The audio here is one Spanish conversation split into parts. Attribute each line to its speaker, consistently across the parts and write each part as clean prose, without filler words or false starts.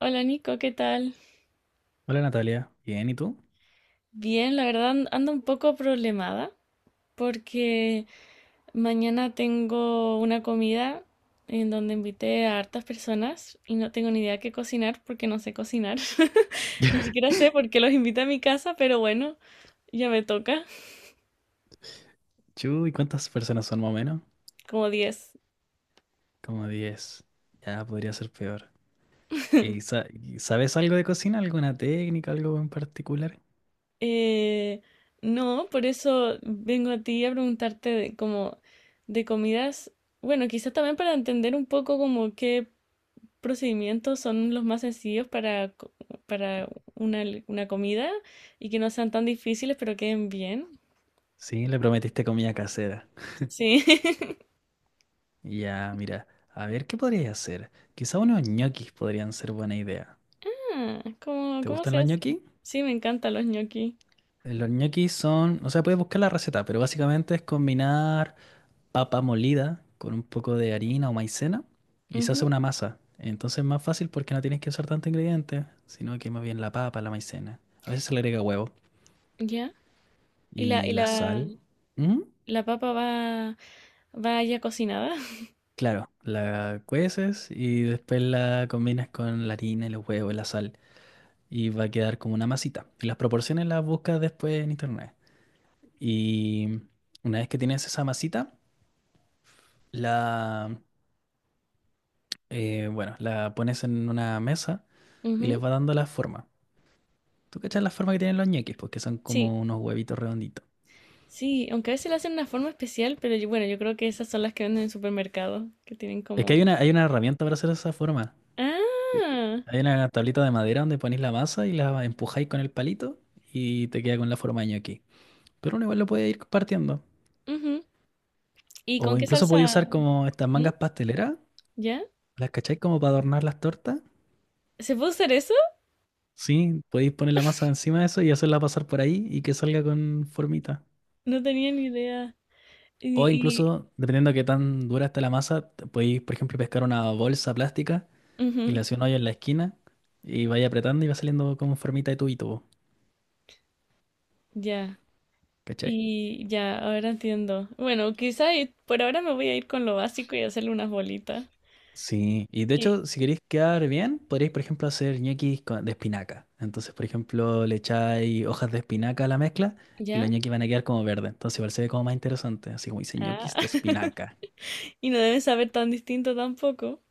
Speaker 1: Hola Nico, ¿qué tal?
Speaker 2: Hola Natalia, bien, ¿y tú?
Speaker 1: Bien, la verdad ando un poco problemada porque mañana tengo una comida en donde invité a hartas personas y no tengo ni idea qué cocinar porque no sé cocinar. Ni siquiera sé por qué los invité a mi casa, pero bueno, ya me toca,
Speaker 2: Chu, ¿Cuántas personas son más o menos?
Speaker 1: como diez.
Speaker 2: Como 10. Ya podría ser peor. ¿Y, sabes algo de cocina? ¿Alguna técnica, algo en particular?
Speaker 1: Eh, no, por eso vengo a ti a preguntarte de, como de comidas, bueno, quizás también para entender un poco como qué procedimientos son los más sencillos para, para una comida y que no sean tan difíciles, pero queden bien.
Speaker 2: Sí, le prometiste comida casera.
Speaker 1: Sí.
Speaker 2: Ya, mira, a ver, ¿qué podrías hacer? Quizá unos ñoquis podrían ser buena idea.
Speaker 1: Ah, ¿cómo,
Speaker 2: ¿Te
Speaker 1: cómo
Speaker 2: gustan
Speaker 1: se
Speaker 2: los
Speaker 1: hace?
Speaker 2: ñoquis?
Speaker 1: Sí, me encantan los ñoqui.
Speaker 2: Los ñoquis son, o sea, puedes buscar la receta, pero básicamente es combinar papa molida con un poco de harina o maicena y se hace
Speaker 1: Ujú,
Speaker 2: una masa. Entonces es más fácil porque no tienes que usar tanto ingredientes sino que más bien la papa, la maicena. A veces se le agrega huevo
Speaker 1: ya. ¿Y la,
Speaker 2: y
Speaker 1: y
Speaker 2: la
Speaker 1: la,
Speaker 2: sal. ¿Mm?
Speaker 1: la papa va, va ya cocinada?
Speaker 2: Claro, la cueces y después la combinas con la harina, y los huevos y la sal y va a quedar como una masita. Y las proporciones las buscas después en internet. Y una vez que tienes esa masita, la, bueno, la pones en una mesa y
Speaker 1: Ujú.
Speaker 2: les va dando la forma. ¿Tú cachas la forma que tienen los ñeques? Porque son
Speaker 1: Sí,
Speaker 2: como unos huevitos redonditos.
Speaker 1: sí, aunque a veces la hacen de una forma especial, pero bueno, yo creo que esas son las que venden en el supermercado, que tienen
Speaker 2: Es que
Speaker 1: como...
Speaker 2: hay una herramienta para hacer esa forma. ¿Qué?
Speaker 1: Ah,
Speaker 2: Hay una tablita de madera donde ponéis la masa y la empujáis con el palito y te queda con la forma de ñoqui. Pero uno igual lo puede ir partiendo.
Speaker 1: ujú. ¿Y
Speaker 2: O
Speaker 1: con qué
Speaker 2: incluso podéis
Speaker 1: salsa?
Speaker 2: usar como estas
Speaker 1: ¿Mm?
Speaker 2: mangas pasteleras,
Speaker 1: ¿Ya?
Speaker 2: ¿las cacháis como para adornar las tortas?
Speaker 1: ¿Se puede usar eso?
Speaker 2: Sí, podéis poner la masa encima de eso y hacerla pasar por ahí y que salga con formita.
Speaker 1: No tenía ni idea.
Speaker 2: O
Speaker 1: Y, y-
Speaker 2: incluso, dependiendo de qué tan dura está la masa, te podéis, por ejemplo, pescar una bolsa plástica y le
Speaker 1: ujú,
Speaker 2: hacía un hoyo en la esquina y vaya apretando y va saliendo como en formita de tubito, po,
Speaker 1: ya,
Speaker 2: ¿cachai?
Speaker 1: y ya, ahora entiendo. Bueno, por ahora me voy a ir con lo básico y hacerle unas bolitas.
Speaker 2: Sí, y de
Speaker 1: Y
Speaker 2: hecho, si queréis quedar bien, podríais, por ejemplo, hacer de espinaca. Entonces, por ejemplo, le echáis hojas de espinaca a la mezcla y
Speaker 1: ya,
Speaker 2: los ñoquis van a quedar como verdes. Entonces, igual se ve como más interesante, así como dice
Speaker 1: ah.
Speaker 2: ñoquis de espinaca.
Speaker 1: Y no debe saber tan distinto tampoco.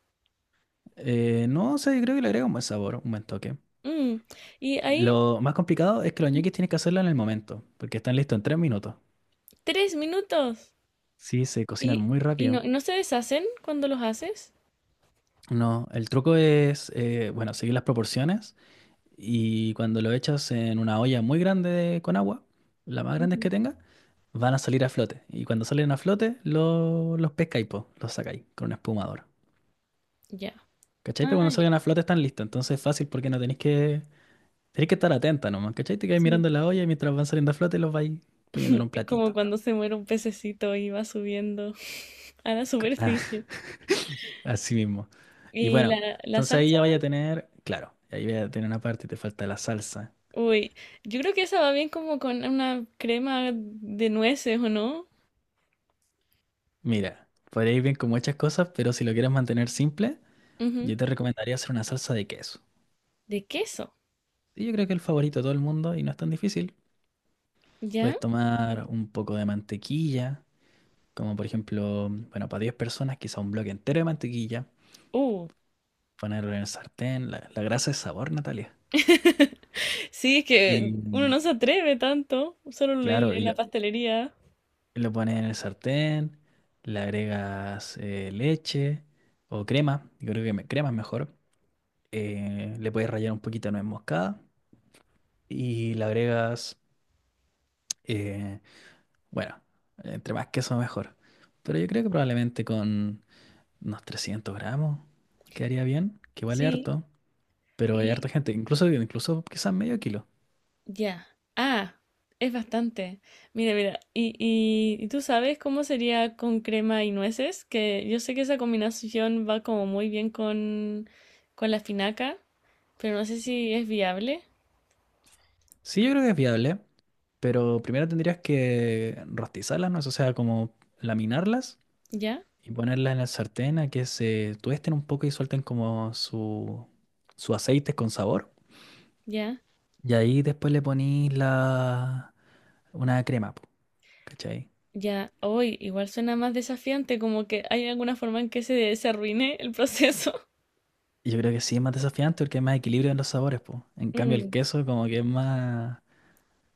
Speaker 2: No sé, yo creo que le agrega un buen sabor, un buen toque.
Speaker 1: Mm. Y ahí,
Speaker 2: Lo más complicado es que los ñoquis
Speaker 1: ujú,
Speaker 2: tienes que hacerlo en el momento, porque están listos en 3 minutos.
Speaker 1: tres minutos.
Speaker 2: Sí, se cocinan
Speaker 1: Y,
Speaker 2: muy
Speaker 1: y
Speaker 2: rápido.
Speaker 1: no, ¿no se deshacen cuando los haces?
Speaker 2: No, el truco es, bueno, seguir las proporciones, y cuando lo echas en una olla muy con agua, la más grande que
Speaker 1: Ujú.
Speaker 2: tenga, van a salir a flote. Y cuando salen a flote, los pescáis, po, los sacáis con un espumador.
Speaker 1: Ya.
Speaker 2: ¿Cachai? Pero
Speaker 1: Ah,
Speaker 2: cuando
Speaker 1: ya.
Speaker 2: salgan a flote están listos. Entonces es fácil porque no tenéis que estar atenta nomás. ¿Cachai? Te quedáis
Speaker 1: Sí.
Speaker 2: mirando la olla y mientras van saliendo a flote los vais poniendo en un
Speaker 1: Es como
Speaker 2: platito.
Speaker 1: cuando se muere un pececito y va subiendo a la
Speaker 2: Ah,
Speaker 1: superficie.
Speaker 2: así mismo. Y
Speaker 1: Y
Speaker 2: bueno,
Speaker 1: la
Speaker 2: entonces ahí
Speaker 1: salsa.
Speaker 2: ya vaya a tener, claro, ahí vaya a tener una parte y te falta la salsa.
Speaker 1: Uy, yo creo que esa va bien como con una crema de nueces, ¿o no?
Speaker 2: Mira, podéis bien con muchas cosas, pero si lo quieres mantener simple.
Speaker 1: Ujú.
Speaker 2: Yo te recomendaría hacer una salsa de queso.
Speaker 1: De queso,
Speaker 2: Y yo creo que es el favorito de todo el mundo y no es tan difícil.
Speaker 1: ¿ya?
Speaker 2: Puedes tomar un poco de mantequilla, como por ejemplo, bueno, para 10 personas, quizá un bloque entero de mantequilla,
Speaker 1: Uh.
Speaker 2: ponerlo en el sartén, la grasa es sabor, Natalia.
Speaker 1: Sí, es que
Speaker 2: Y
Speaker 1: uno no se atreve tanto, solo
Speaker 2: claro,
Speaker 1: en la pastelería.
Speaker 2: lo pones en el sartén, le agregas leche o crema, yo creo que crema es mejor. Le puedes rallar un poquito de nuez moscada y le agregas eh, bueno, entre más queso mejor. Pero yo creo que probablemente con unos 300 gramos quedaría bien, que vale
Speaker 1: Sí,
Speaker 2: harto, pero hay
Speaker 1: y
Speaker 2: harta gente, incluso quizás medio kilo.
Speaker 1: ya. Ah, es bastante. Mira, mira, ¿y tú sabes cómo sería con crema y nueces? Que yo sé que esa combinación va como muy bien con la finaca, pero no sé si es viable.
Speaker 2: Sí, yo creo que es viable, pero primero tendrías que rostizarlas, ¿no? O sea, como laminarlas
Speaker 1: ¿Ya?
Speaker 2: y ponerlas en el sartén a que se tuesten un poco y suelten como su aceite con sabor.
Speaker 1: ¿Ya?
Speaker 2: Y ahí después una crema, po, ¿cachai?
Speaker 1: Ya, hoy igual suena más desafiante, como que hay alguna forma en que se arruine el proceso.
Speaker 2: Yo creo que sí es más desafiante porque hay más equilibrio en los sabores, po. En cambio el
Speaker 1: Mm.
Speaker 2: queso como que es más,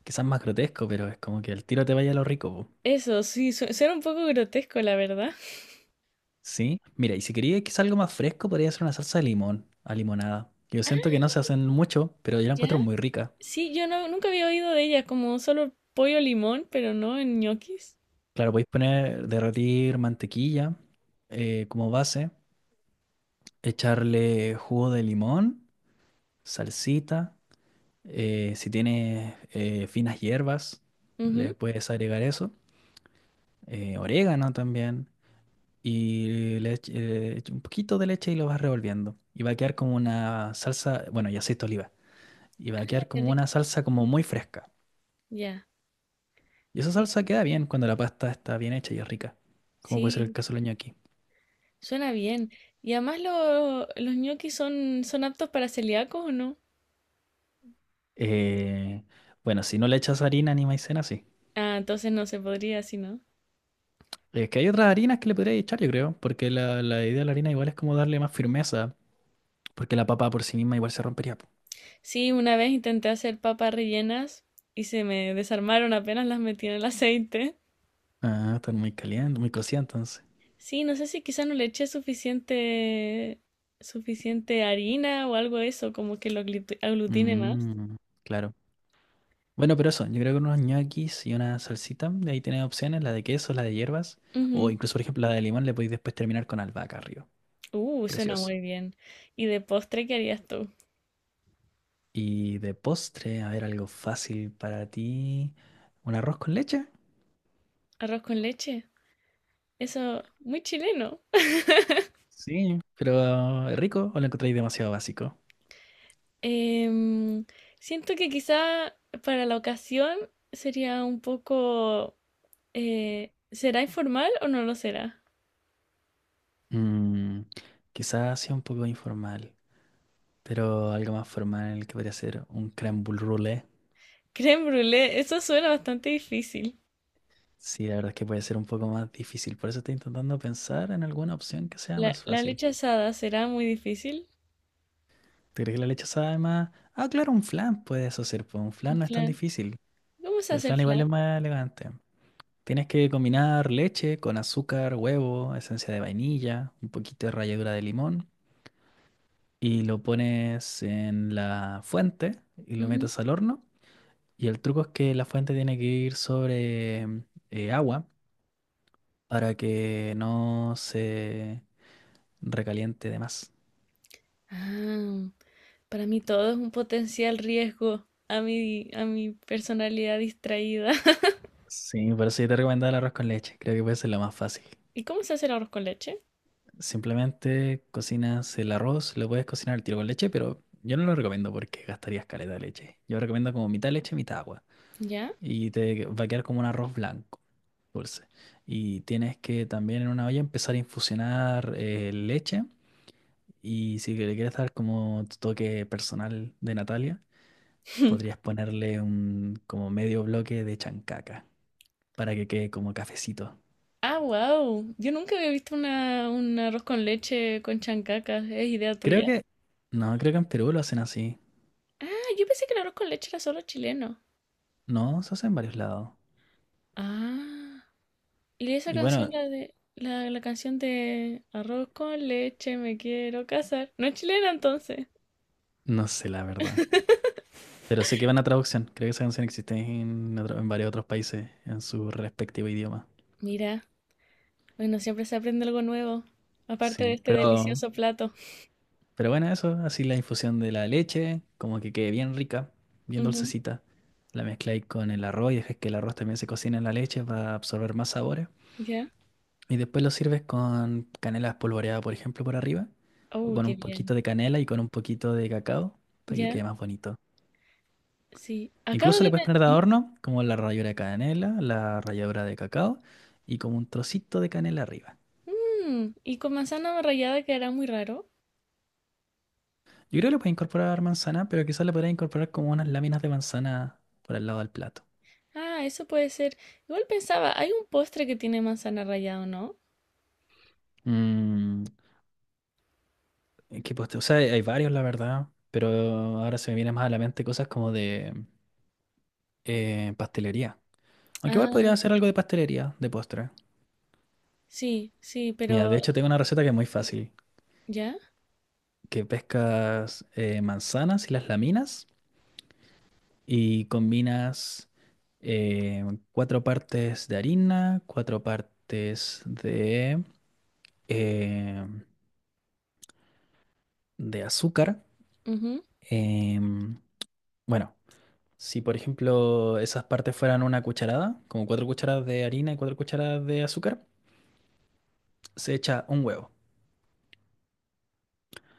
Speaker 2: quizás más grotesco, pero es como que el tiro te vaya a lo rico, po.
Speaker 1: Eso, sí, suena un poco grotesco, la verdad.
Speaker 2: ¿Sí? Mira, y si quería quizás algo más fresco, podría ser una salsa de limón, a limonada. Yo siento
Speaker 1: Ah.
Speaker 2: que no se hacen mucho, pero yo la
Speaker 1: ¿Ya?
Speaker 2: encuentro muy rica.
Speaker 1: Sí, yo no, nunca había oído de ella como solo pollo limón, pero no en ñoquis.
Speaker 2: Claro, podéis poner, derretir mantequilla como base, echarle jugo de limón, salsita, si tienes finas hierbas,
Speaker 1: Ujú.
Speaker 2: le puedes agregar eso, orégano también. Y le ech- echa un poquito de leche y lo vas revolviendo. Y va a quedar como una salsa, bueno, y aceite de oliva. Y va a
Speaker 1: Ah,
Speaker 2: quedar
Speaker 1: qué
Speaker 2: como una
Speaker 1: rico.
Speaker 2: salsa como muy fresca.
Speaker 1: Ya,
Speaker 2: Y esa
Speaker 1: sí,
Speaker 2: salsa queda bien cuando la pasta está bien hecha y es rica, como puede ser el
Speaker 1: sí,
Speaker 2: caso del ñoqui.
Speaker 1: suena bien. Y además los ñoquis son, son aptos para celíacos, ¿o no?
Speaker 2: Eh, bueno, si no le echas harina ni maicena, sí.
Speaker 1: Ah, entonces no se podría, si no.
Speaker 2: Es que hay otras harinas que le podrías echar, yo creo, porque la idea de la harina igual es como darle más firmeza, porque la papa por sí misma igual se rompería, po.
Speaker 1: Sí, una vez intenté hacer papas rellenas y se me desarmaron apenas las metí en el aceite.
Speaker 2: Ah, están muy caliente, muy cocida entonces.
Speaker 1: Sí, no sé si quizás no le eché suficiente, suficiente harina o algo de eso, como que lo aglutine más.
Speaker 2: Mm, claro. Bueno, pero eso, yo creo que unos ñoquis y una salsita, de ahí tienes opciones, la de queso, la de hierbas, o
Speaker 1: Ujú.
Speaker 2: incluso, por ejemplo, la de limón, le podéis después terminar con albahaca arriba.
Speaker 1: Suena
Speaker 2: Precioso.
Speaker 1: muy bien. ¿Y de postre qué harías tú?
Speaker 2: Y de postre, a ver, algo fácil para ti. ¿Un arroz con leche?
Speaker 1: ¿Arroz con leche? Eso, muy chileno.
Speaker 2: Sí, pero ¿es rico o lo encontráis demasiado básico?
Speaker 1: Em, Siento que quizá para la ocasión sería un poco... ¿será informal o no lo será?
Speaker 2: Mm, quizás sea un poco informal, pero algo más formal que podría ser un crème brûlée.
Speaker 1: Creme brûlée, eso suena bastante difícil.
Speaker 2: Sí, la verdad es que puede ser un poco más difícil, por eso estoy intentando pensar en alguna opción que sea más
Speaker 1: La
Speaker 2: fácil.
Speaker 1: leche asada será muy difícil.
Speaker 2: ¿Te crees que la leche sabe más? Ah, claro, un flan puedes hacer, pues un
Speaker 1: El
Speaker 2: flan no es tan
Speaker 1: flan.
Speaker 2: difícil.
Speaker 1: ¿Cómo se
Speaker 2: Y el
Speaker 1: hace el
Speaker 2: flan igual es
Speaker 1: flan?
Speaker 2: más elegante. Tienes que combinar leche con azúcar, huevo, esencia de vainilla, un poquito de ralladura de limón. Y lo pones en la fuente y lo
Speaker 1: Ujú.
Speaker 2: metes al horno. Y el truco es que la fuente tiene que ir sobre agua para que no se recaliente de más.
Speaker 1: Ah, para mí todo es un potencial riesgo a a mi personalidad distraída.
Speaker 2: Sí, por eso yo te recomendaba el arroz con leche. Creo que puede ser lo más fácil.
Speaker 1: ¿Y cómo se hace el arroz con leche?
Speaker 2: Simplemente cocinas el arroz, lo puedes cocinar al tiro con leche, pero yo no lo recomiendo porque gastarías caleta de leche. Yo recomiendo como mitad leche, mitad agua.
Speaker 1: ¿Ya?
Speaker 2: Y te va a quedar como un arroz blanco, dulce. Y tienes que también en una olla empezar a infusionar leche. Y si le quieres dar como tu toque personal de Natalia, podrías ponerle un como medio bloque de chancaca para que quede como cafecito.
Speaker 1: Ah, wow. Yo nunca había visto un arroz con leche con chancacas. ¿Es idea
Speaker 2: Creo
Speaker 1: tuya?
Speaker 2: que, no, creo que en Perú lo hacen así.
Speaker 1: Ah, yo pensé que el arroz con leche era solo chileno.
Speaker 2: No, se hace en varios lados.
Speaker 1: Ah. Y esa
Speaker 2: Y
Speaker 1: canción,
Speaker 2: bueno,
Speaker 1: la de la canción de Arroz con leche, me quiero casar. No es chilena entonces.
Speaker 2: no sé la verdad. Pero sé que van a traducción. Creo que esa canción existe en, en varios otros países en su respectivo idioma.
Speaker 1: Mira, bueno, siempre se aprende algo nuevo. Aparte de
Speaker 2: Sí.
Speaker 1: este delicioso plato.
Speaker 2: Pero bueno, eso. Así la infusión de la leche, como que quede bien rica, bien
Speaker 1: Ujú.
Speaker 2: dulcecita. La mezcláis con el arroz y dejas que el arroz también se cocine en la leche para absorber más sabores.
Speaker 1: ¿Ya?
Speaker 2: Y después lo sirves con canela espolvoreada, por ejemplo, por arriba. O
Speaker 1: Oh,
Speaker 2: con
Speaker 1: qué
Speaker 2: un
Speaker 1: bien.
Speaker 2: poquito de canela y con un poquito de cacao para que
Speaker 1: ¿Ya?
Speaker 2: quede más bonito.
Speaker 1: Sí. Acabo
Speaker 2: Incluso le
Speaker 1: de...
Speaker 2: puedes
Speaker 1: pe-
Speaker 2: poner de adorno como la ralladura de canela, la ralladura de cacao y como un trocito de canela arriba.
Speaker 1: Mm, mm, y con manzana rallada quedará muy raro.
Speaker 2: Yo creo que le puedes incorporar manzana, pero quizás le podrías incorporar como unas láminas de manzana por el lado del plato.
Speaker 1: Ah, eso puede ser. Igual pensaba, hay un postre que tiene manzana rallada, ¿no?
Speaker 2: Mm, ¿qué postre? O sea, hay varios, la verdad, pero ahora se me vienen más a la mente cosas como de pastelería. Aunque igual podría
Speaker 1: Ah,
Speaker 2: hacer algo de pastelería, de postre.
Speaker 1: sí, sí,
Speaker 2: Mira, de
Speaker 1: pero...
Speaker 2: hecho tengo una receta que es muy fácil,
Speaker 1: ¿Ya?
Speaker 2: que pescas manzanas y las laminas. Y combinas eh, 4 partes de harina, cuatro partes eh, de azúcar.
Speaker 1: Ujú.
Speaker 2: Em, bueno, si por ejemplo esas partes fueran una cucharada, como 4 cucharadas de harina y 4 cucharadas de azúcar, se echa un huevo.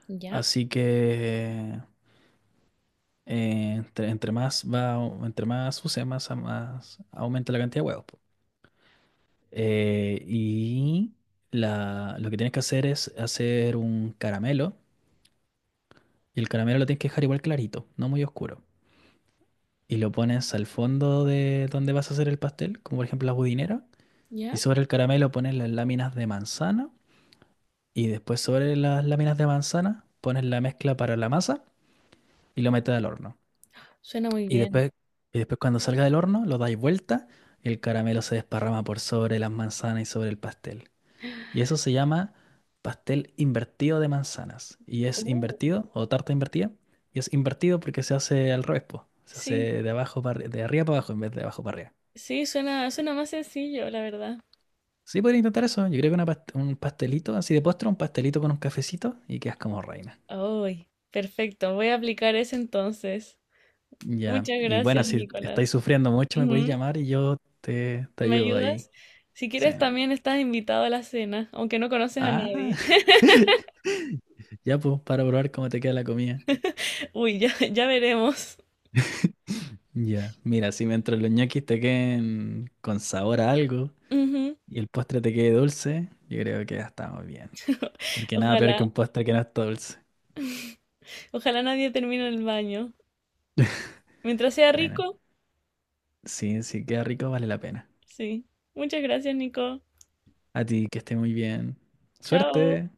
Speaker 1: ¿Ya?
Speaker 2: Así que entre más va, entre más use, más aumenta la cantidad de huevos. Eh, y lo que tienes que hacer es hacer un caramelo. Y el caramelo lo tienes que dejar igual clarito, no muy oscuro. Y lo pones al fondo de donde vas a hacer el pastel, como por ejemplo la budinera. Y
Speaker 1: ¿Ya?
Speaker 2: sobre el caramelo pones las láminas de manzana. Y después sobre las láminas de manzana pones la mezcla para la masa y lo metes al horno.
Speaker 1: Suena muy
Speaker 2: Y
Speaker 1: bien.
Speaker 2: después, y después cuando salga del horno lo dais vuelta y el caramelo se desparrama por sobre las manzanas y sobre el pastel. Y eso se llama pastel invertido de manzanas. Y es
Speaker 1: Uh.
Speaker 2: invertido, o tarta invertida, y es invertido porque se hace al revés, po. Se
Speaker 1: Sí,
Speaker 2: hace de abajo de arriba para abajo en vez de abajo para arriba.
Speaker 1: sí, suena, suena más sencillo, la verdad.
Speaker 2: Sí, podría intentar eso. Yo creo que un pastelito así de postre, un pastelito con un cafecito y quedas como reina.
Speaker 1: Ay, perfecto. Voy a aplicar ese entonces.
Speaker 2: Ya.
Speaker 1: Muchas
Speaker 2: Y bueno,
Speaker 1: gracias,
Speaker 2: si estáis
Speaker 1: Nicolás.
Speaker 2: sufriendo mucho, me podéis
Speaker 1: Ujú.
Speaker 2: llamar y yo te
Speaker 1: ¿Me
Speaker 2: ayudo ahí.
Speaker 1: ayudas? Si
Speaker 2: Sí.
Speaker 1: quieres, también estás invitado a la cena, aunque no conoces a
Speaker 2: Ah,
Speaker 1: nadie.
Speaker 2: ya pues, para probar cómo te queda la comida.
Speaker 1: Uy, ya, ya veremos.
Speaker 2: Ya. Mira, si mientras los ñoquis te queden con sabor a algo,
Speaker 1: Ujú.
Speaker 2: y el postre te quede dulce, yo creo que ya estamos bien. Porque nada peor que
Speaker 1: Ojalá.
Speaker 2: un postre que no está dulce.
Speaker 1: Ojalá nadie termine en el baño. Mientras sea
Speaker 2: Bueno,
Speaker 1: rico,
Speaker 2: sí, sí, queda rico, vale la pena.
Speaker 1: sí. Muchas gracias, Nico.
Speaker 2: A ti, que esté muy bien.
Speaker 1: Chao.
Speaker 2: Suerte.